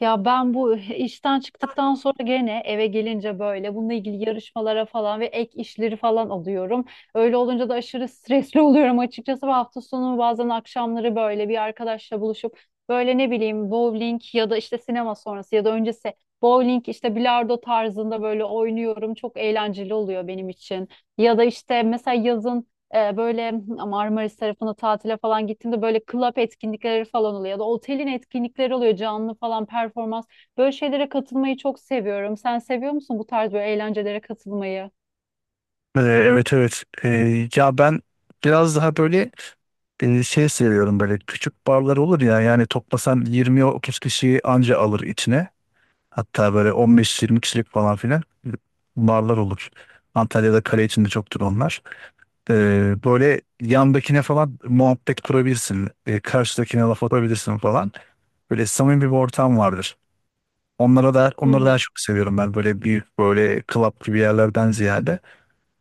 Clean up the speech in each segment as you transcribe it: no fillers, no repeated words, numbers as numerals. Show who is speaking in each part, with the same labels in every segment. Speaker 1: Ya ben bu işten çıktıktan sonra gene eve gelince böyle bununla ilgili yarışmalara falan ve ek işleri falan alıyorum. Öyle olunca da aşırı stresli oluyorum açıkçası. Bu hafta sonu bazen akşamları böyle bir arkadaşla buluşup böyle ne bileyim bowling ya da işte sinema sonrası ya da öncesi bowling işte bilardo tarzında böyle oynuyorum. Çok eğlenceli oluyor benim için. Ya da işte mesela yazın böyle Marmaris tarafına tatile falan gittiğimde böyle club etkinlikleri falan oluyor ya da otelin etkinlikleri oluyor canlı falan performans. Böyle şeylere katılmayı çok seviyorum. Sen seviyor musun bu tarz böyle eğlencelere katılmayı?
Speaker 2: Evet, evet. Ya ben biraz daha böyle şey seviyorum. Böyle küçük barlar olur ya, yani toplasan 20 30 kişiyi anca alır içine, hatta böyle 15 20 kişilik falan filan barlar olur. Antalya'da kale içinde çoktur onlar. Böyle yandakine falan muhabbet kurabilirsin. Karşıdakine laf atabilirsin falan. Böyle samimi bir ortam vardır. Onlara da,
Speaker 1: Hı
Speaker 2: onları
Speaker 1: hı.
Speaker 2: daha çok seviyorum ben, böyle büyük böyle club gibi yerlerden ziyade.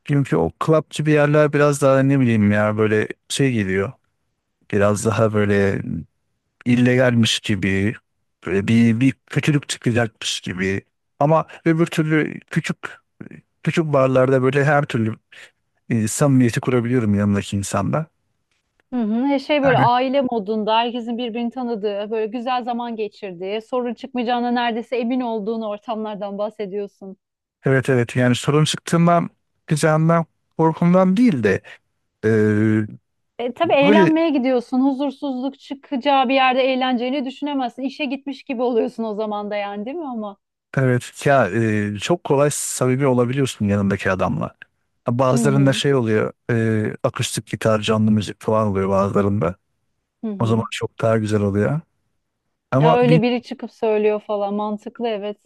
Speaker 2: Çünkü o clubçı bir yerler biraz daha ne bileyim ya, böyle şey geliyor. Biraz daha böyle illegalmiş gibi. Böyle bir kötülük çıkacakmış gibi. Ama öbür türlü küçük küçük barlarda böyle her türlü samimiyeti kurabiliyorum yanımdaki insanla.
Speaker 1: Hı hı. Şey böyle
Speaker 2: Yani,
Speaker 1: aile modunda herkesin birbirini tanıdığı, böyle güzel zaman geçirdiği, sorun çıkmayacağına neredeyse emin olduğun ortamlardan bahsediyorsun.
Speaker 2: evet, evet, yani sorun çıktığından, çıkacağından korkumdan değil de, e,
Speaker 1: Tabii
Speaker 2: böyle.
Speaker 1: eğlenmeye gidiyorsun. Huzursuzluk çıkacağı bir yerde eğleneceğini düşünemezsin. İşe gitmiş gibi oluyorsun o zaman da yani, değil mi ama?
Speaker 2: Evet ya, çok kolay samimi olabiliyorsun yanındaki adamla. Ha,
Speaker 1: Hı
Speaker 2: bazılarında
Speaker 1: hı.
Speaker 2: şey oluyor, akustik gitar, canlı müzik falan oluyor bazılarında.
Speaker 1: Hı
Speaker 2: O zaman
Speaker 1: hı.
Speaker 2: çok daha güzel oluyor.
Speaker 1: Ya,
Speaker 2: Ama bir
Speaker 1: öyle biri çıkıp söylüyor falan, mantıklı, evet.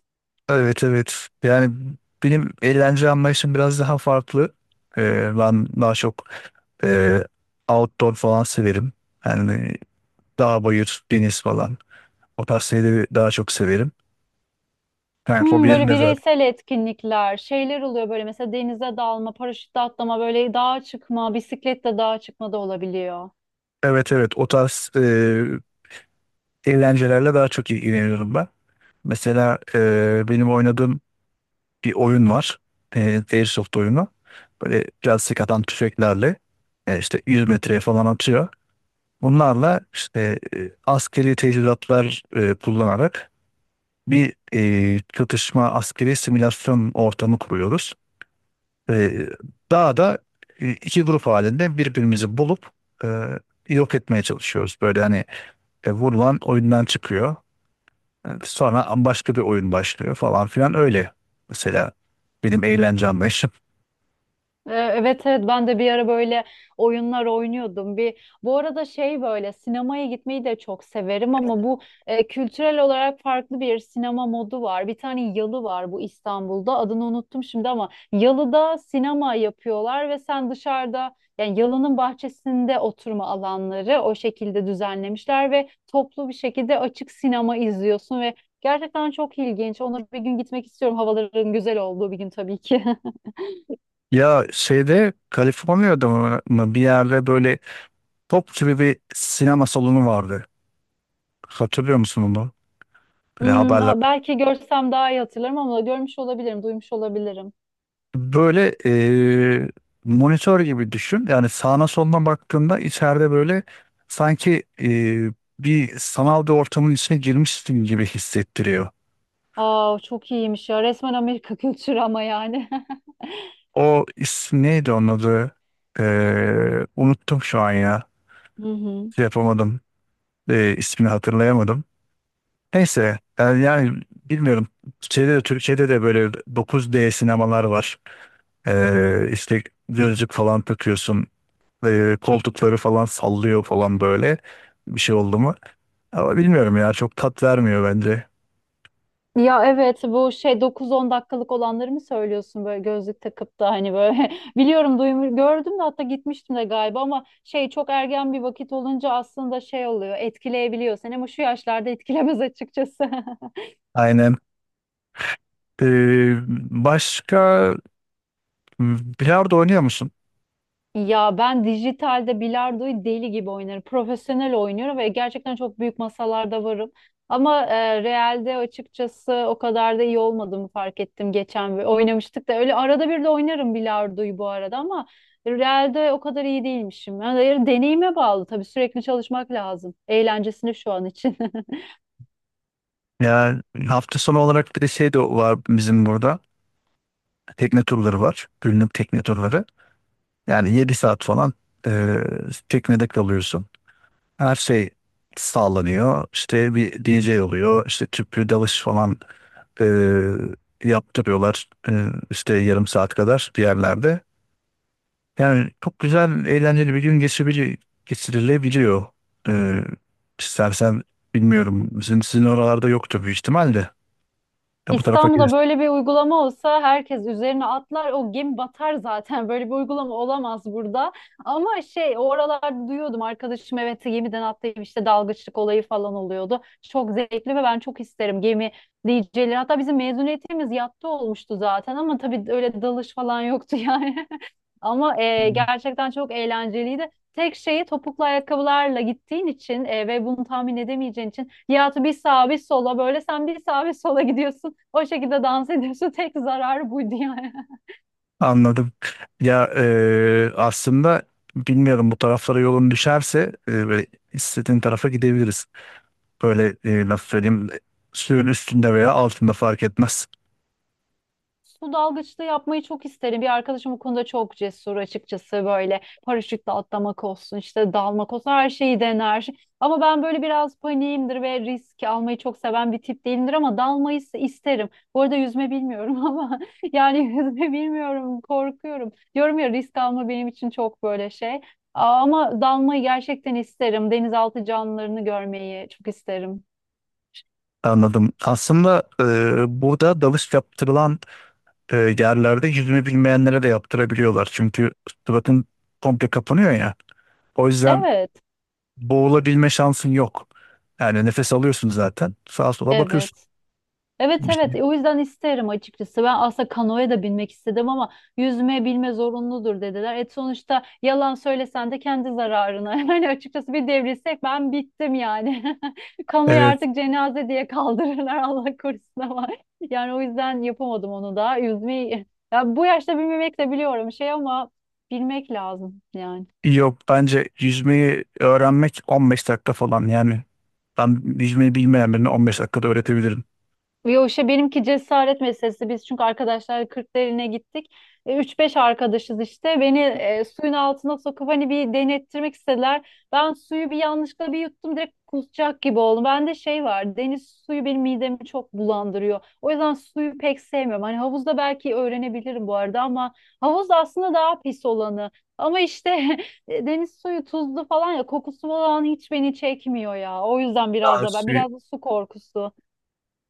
Speaker 2: Evet, evet, yani benim eğlence anlayışım biraz daha farklı. Ben daha çok e, outdoor falan severim. Yani dağ bayır deniz falan, o tarz şeyleri daha çok severim. Yani
Speaker 1: Hmm,
Speaker 2: hobilerim
Speaker 1: böyle
Speaker 2: de zaten.
Speaker 1: bireysel etkinlikler, şeyler oluyor böyle mesela denize dalma, paraşütle atlama, böyle dağa çıkma, bisikletle dağa çıkma da olabiliyor.
Speaker 2: Evet, evet, o tarz eğlencelerle daha çok ilgileniyorum ben. Mesela benim oynadığım bir oyun var. Airsoft oyunu. Böyle biraz sıkadan tüfeklerle işte 100 metreye falan atıyor. Bunlarla işte askeri teçhizatlar kullanarak bir çatışma, askeri simülasyon ortamı kuruyoruz. E, daha da 2 grup halinde birbirimizi bulup e, yok etmeye çalışıyoruz. Böyle hani vurulan oyundan çıkıyor. Evet, sonra başka bir oyun başlıyor falan filan öyle. Mesela benim eğlencem beş.
Speaker 1: Evet evet ben de bir ara böyle oyunlar oynuyordum. Bir bu arada şey böyle sinemaya gitmeyi de çok severim ama bu e, kültürel olarak farklı bir sinema modu var. Bir tane yalı var bu İstanbul'da. Adını unuttum şimdi ama yalıda sinema yapıyorlar ve sen dışarıda yani yalının bahçesinde oturma alanları o şekilde düzenlemişler ve toplu bir şekilde açık sinema izliyorsun ve gerçekten çok ilginç. Ona bir gün gitmek istiyorum. Havaların güzel olduğu bir gün tabii ki.
Speaker 2: Ya şeyde, Kaliforniya'da mı bir yerde böyle top gibi bir sinema salonu vardı. Hatırlıyor musun onu? Böyle
Speaker 1: Hmm,
Speaker 2: haberler.
Speaker 1: belki görsem daha iyi hatırlarım ama görmüş olabilirim, duymuş olabilirim.
Speaker 2: Böyle monitör gibi düşün. Yani sağına soluna baktığında, içeride böyle sanki bir sanal bir ortamın içine girmişsin gibi hissettiriyor.
Speaker 1: Aa, çok iyiymiş ya. Resmen Amerika kültürü ama yani.
Speaker 2: O isim neydi, onun adı? Unuttum şu an ya.
Speaker 1: Hı hı.
Speaker 2: Şey yapamadım. İsmini hatırlayamadım. Neyse yani bilmiyorum. Türkiye'de de böyle 9D sinemalar var. İşte gözlük falan takıyorsun. Koltukları falan sallıyor falan, böyle bir şey oldu mu? Ama bilmiyorum ya, çok tat vermiyor bence.
Speaker 1: Ya evet, bu şey 9-10 dakikalık olanları mı söylüyorsun, böyle gözlük takıp da hani böyle, biliyorum, duymuş gördüm de, hatta gitmiştim de galiba ama şey, çok ergen bir vakit olunca aslında şey oluyor, etkileyebiliyor seni, ama şu yaşlarda etkilemez açıkçası.
Speaker 2: Aynen. Ee, Başka, bilardo oynuyor musun?
Speaker 1: Ya ben dijitalde bilardoyu deli gibi oynarım. Profesyonel oynuyorum ve gerçekten çok büyük masalarda varım. Ama realde açıkçası o kadar da iyi olmadığımı fark ettim geçen ve oynamıştık da, öyle arada bir de oynarım bilardoyu bu arada, ama realde o kadar iyi değilmişim. Yani deneyime bağlı tabii, sürekli çalışmak lazım. Eğlencesini şu an için.
Speaker 2: Yani hafta sonu olarak bir de şey de var bizim burada. Tekne turları var. Günlük tekne turları. Yani 7 saat falan e, teknede kalıyorsun. Her şey sağlanıyor. İşte bir DJ oluyor. İşte tüplü dalış falan e, yaptırıyorlar. İşte yarım saat kadar bir yerlerde. Yani çok güzel, eğlenceli bir gün geçirebilir, geçirilebiliyor. Ee, istersen bilmiyorum, sizin oralarda yoktur büyük ihtimalle. Ya bu tarafa
Speaker 1: İstanbul'da
Speaker 2: gelirsin.
Speaker 1: böyle bir uygulama olsa herkes üzerine atlar, o gemi batar zaten. Böyle bir uygulama olamaz burada, ama şey, oralarda duyuyordum arkadaşım, evet, gemiden atlayıp işte dalgıçlık olayı falan oluyordu, çok zevkli ve ben çok isterim gemi DJ'leri, hatta bizim mezuniyetimiz yatta olmuştu zaten ama tabii öyle dalış falan yoktu yani. Ama
Speaker 2: Hmm.
Speaker 1: gerçekten çok eğlenceliydi. Tek şeyi, topuklu ayakkabılarla gittiğin için ve bunu tahmin edemeyeceğin için Nihat'ı bir sağa bir sola, böyle sen bir sağa bir sola gidiyorsun. O şekilde dans ediyorsun. Tek zararı buydu yani.
Speaker 2: Anladım. Ya aslında bilmiyorum, bu taraflara yolun düşerse böyle istediğin tarafa gidebiliriz. Böyle nasıl söyleyeyim, suyun üstünde veya altında fark etmez.
Speaker 1: Su dalgıçlığı yapmayı çok isterim. Bir arkadaşım bu konuda çok cesur açıkçası, böyle paraşütle atlamak olsun, işte dalmak olsun, her şeyi dener. Ama ben böyle biraz paniğimdir ve risk almayı çok seven bir tip değilimdir, ama dalmayı ise isterim. Bu arada yüzme bilmiyorum ama yani yüzme bilmiyorum, korkuyorum. Diyorum ya, risk alma benim için çok böyle şey. Ama dalmayı gerçekten isterim. Denizaltı canlılarını görmeyi çok isterim.
Speaker 2: Anladım. Aslında burada dalış yaptırılan yerlerde yüzme bilmeyenlere de yaptırabiliyorlar. Çünkü suratın komple kapanıyor ya. O yüzden
Speaker 1: Evet,
Speaker 2: boğulabilme şansın yok. Yani nefes alıyorsun zaten. Sağa sola bakıyorsun.
Speaker 1: evet. Evet,
Speaker 2: Bir
Speaker 1: evet.
Speaker 2: şey.
Speaker 1: O yüzden isterim açıkçası. Ben aslında kanoya da binmek istedim ama yüzme bilme zorunludur dediler. Et sonuçta, yalan söylesen de kendi zararına. Yani açıkçası bir devrilsek ben bittim yani. Kanoyu
Speaker 2: Evet.
Speaker 1: artık cenaze diye kaldırırlar, Allah korusun ama. Yani o yüzden yapamadım onu da. Yüzmeyi, ya bu yaşta bilmemek de biliyorum şey ama bilmek lazım yani.
Speaker 2: Yok, bence yüzmeyi öğrenmek 15 dakika falan. Yani ben yüzmeyi bilmeyen birine 15 dakikada öğretebilirim.
Speaker 1: Yo işte, benimki cesaret meselesi. Biz çünkü arkadaşlar Kırklareli'ne gittik. 3-5 arkadaşız işte. Beni suyun altına sokup hani bir denettirmek istediler. Ben suyu bir yanlışlıkla bir yuttum, direkt kusacak gibi oldum. Bende şey var, deniz suyu benim midemi çok bulandırıyor. O yüzden suyu pek sevmiyorum. Hani havuzda belki öğrenebilirim bu arada, ama havuz aslında daha pis olanı. Ama işte deniz suyu tuzlu falan, ya kokusu falan hiç beni çekmiyor ya. O yüzden biraz
Speaker 2: Daha
Speaker 1: da ben,
Speaker 2: suyu,
Speaker 1: biraz da su korkusu.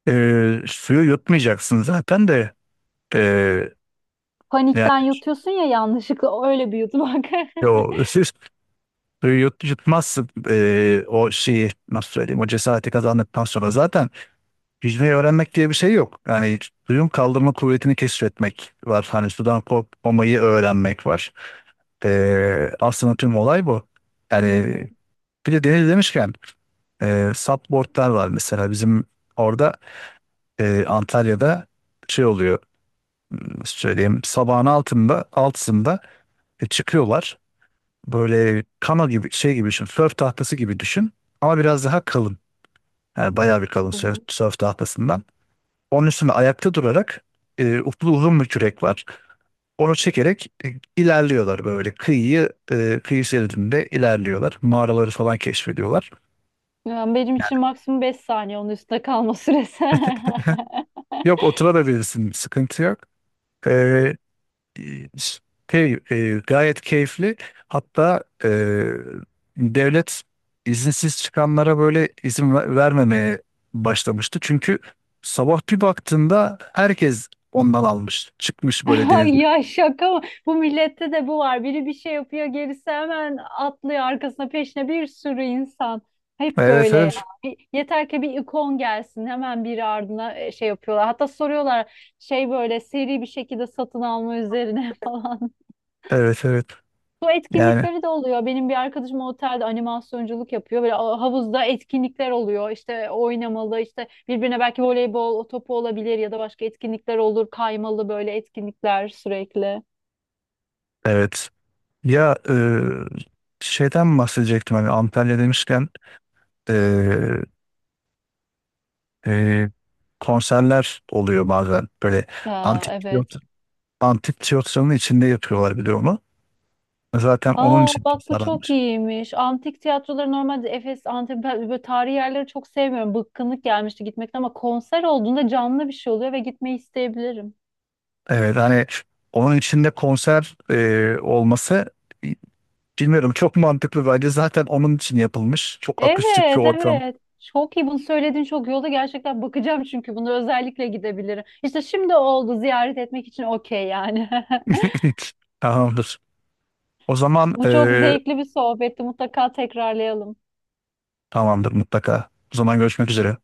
Speaker 2: e, suyu yutmayacaksın zaten de. E, Yani
Speaker 1: Panikten yutuyorsun ya, yanlışlıkla öyle bir yutmak.
Speaker 2: o Suyu yutmazsın, o şeyi nasıl söyleyeyim, o cesareti kazandıktan sonra zaten yüzmeyi öğrenmek diye bir şey yok. Yani suyun kaldırma kuvvetini keşfetmek var. Hani sudan korkmamayı öğrenmek var. Aslında tüm olay bu.
Speaker 1: Hı
Speaker 2: Yani
Speaker 1: hı,
Speaker 2: bir de deniz demişken supboardlar var, mesela bizim orada, Antalya'da şey oluyor, nasıl söyleyeyim, sabahın 6'sında çıkıyorlar. Böyle kano gibi, şey gibi düşün, sörf tahtası gibi düşün, ama biraz daha kalın. Yani bayağı bir kalın
Speaker 1: hı
Speaker 2: sörf,
Speaker 1: hı.
Speaker 2: sörf tahtasından. Onun üstüne ayakta durarak uplu uzun bir kürek var. Onu çekerek ilerliyorlar, böyle kıyı şeridinde ilerliyorlar. Mağaraları falan keşfediyorlar.
Speaker 1: Yani benim için maksimum 5 saniye onun üstüne kalma süresi.
Speaker 2: Yok, oturabilirsin, sıkıntı yok. E, e, Gayet keyifli. Hatta devlet izinsiz çıkanlara böyle izin vermemeye başlamıştı. Çünkü sabah bir baktığında herkes ondan almış, çıkmış böyle deniz
Speaker 1: Ay, ya şaka mı? Bu millette de bu var. Biri bir şey yapıyor, gerisi hemen atlıyor arkasına peşine, bir sürü insan. Hep
Speaker 2: Evet,
Speaker 1: böyle ya.
Speaker 2: evet.
Speaker 1: Yeter ki bir ikon gelsin, hemen biri ardına şey yapıyorlar. Hatta soruyorlar şey, böyle seri bir şekilde satın alma üzerine falan.
Speaker 2: Evet, evet.
Speaker 1: Su
Speaker 2: Yani
Speaker 1: etkinlikleri de oluyor. Benim bir arkadaşım otelde animasyonculuk yapıyor. Böyle havuzda etkinlikler oluyor. İşte oynamalı, işte birbirine belki voleybol topu olabilir ya da başka etkinlikler olur. Kaymalı böyle etkinlikler sürekli.
Speaker 2: evet. Ya şeyden bahsedecektim, hani Antalya demişken e, e, konserler oluyor bazen. Böyle
Speaker 1: Aa,
Speaker 2: antik
Speaker 1: evet.
Speaker 2: tiyatro, antik tiyatronun içinde yapıyorlar, biliyor de. Zaten onun
Speaker 1: Aa
Speaker 2: için
Speaker 1: bak, bu çok
Speaker 2: tasarlanmış.
Speaker 1: iyiymiş. Antik tiyatroları normalde Efes, Antep, ben böyle tarihi yerleri çok sevmiyorum. Bıkkınlık gelmişti gitmekten, ama konser olduğunda canlı bir şey oluyor ve gitmeyi isteyebilirim.
Speaker 2: Evet, hani onun içinde konser olması, bilmiyorum, çok mantıklı bence, zaten onun için yapılmış. Çok akustik bir
Speaker 1: Evet,
Speaker 2: ortam.
Speaker 1: evet. Çok iyi bunu söyledin, çok iyi oldu. Gerçekten bakacağım, çünkü bunu özellikle gidebilirim. İşte şimdi oldu ziyaret etmek için, okey yani.
Speaker 2: Tamamdır. O zaman
Speaker 1: Bu çok zevkli bir sohbetti. Mutlaka tekrarlayalım.
Speaker 2: tamamdır mutlaka. O zaman görüşmek üzere.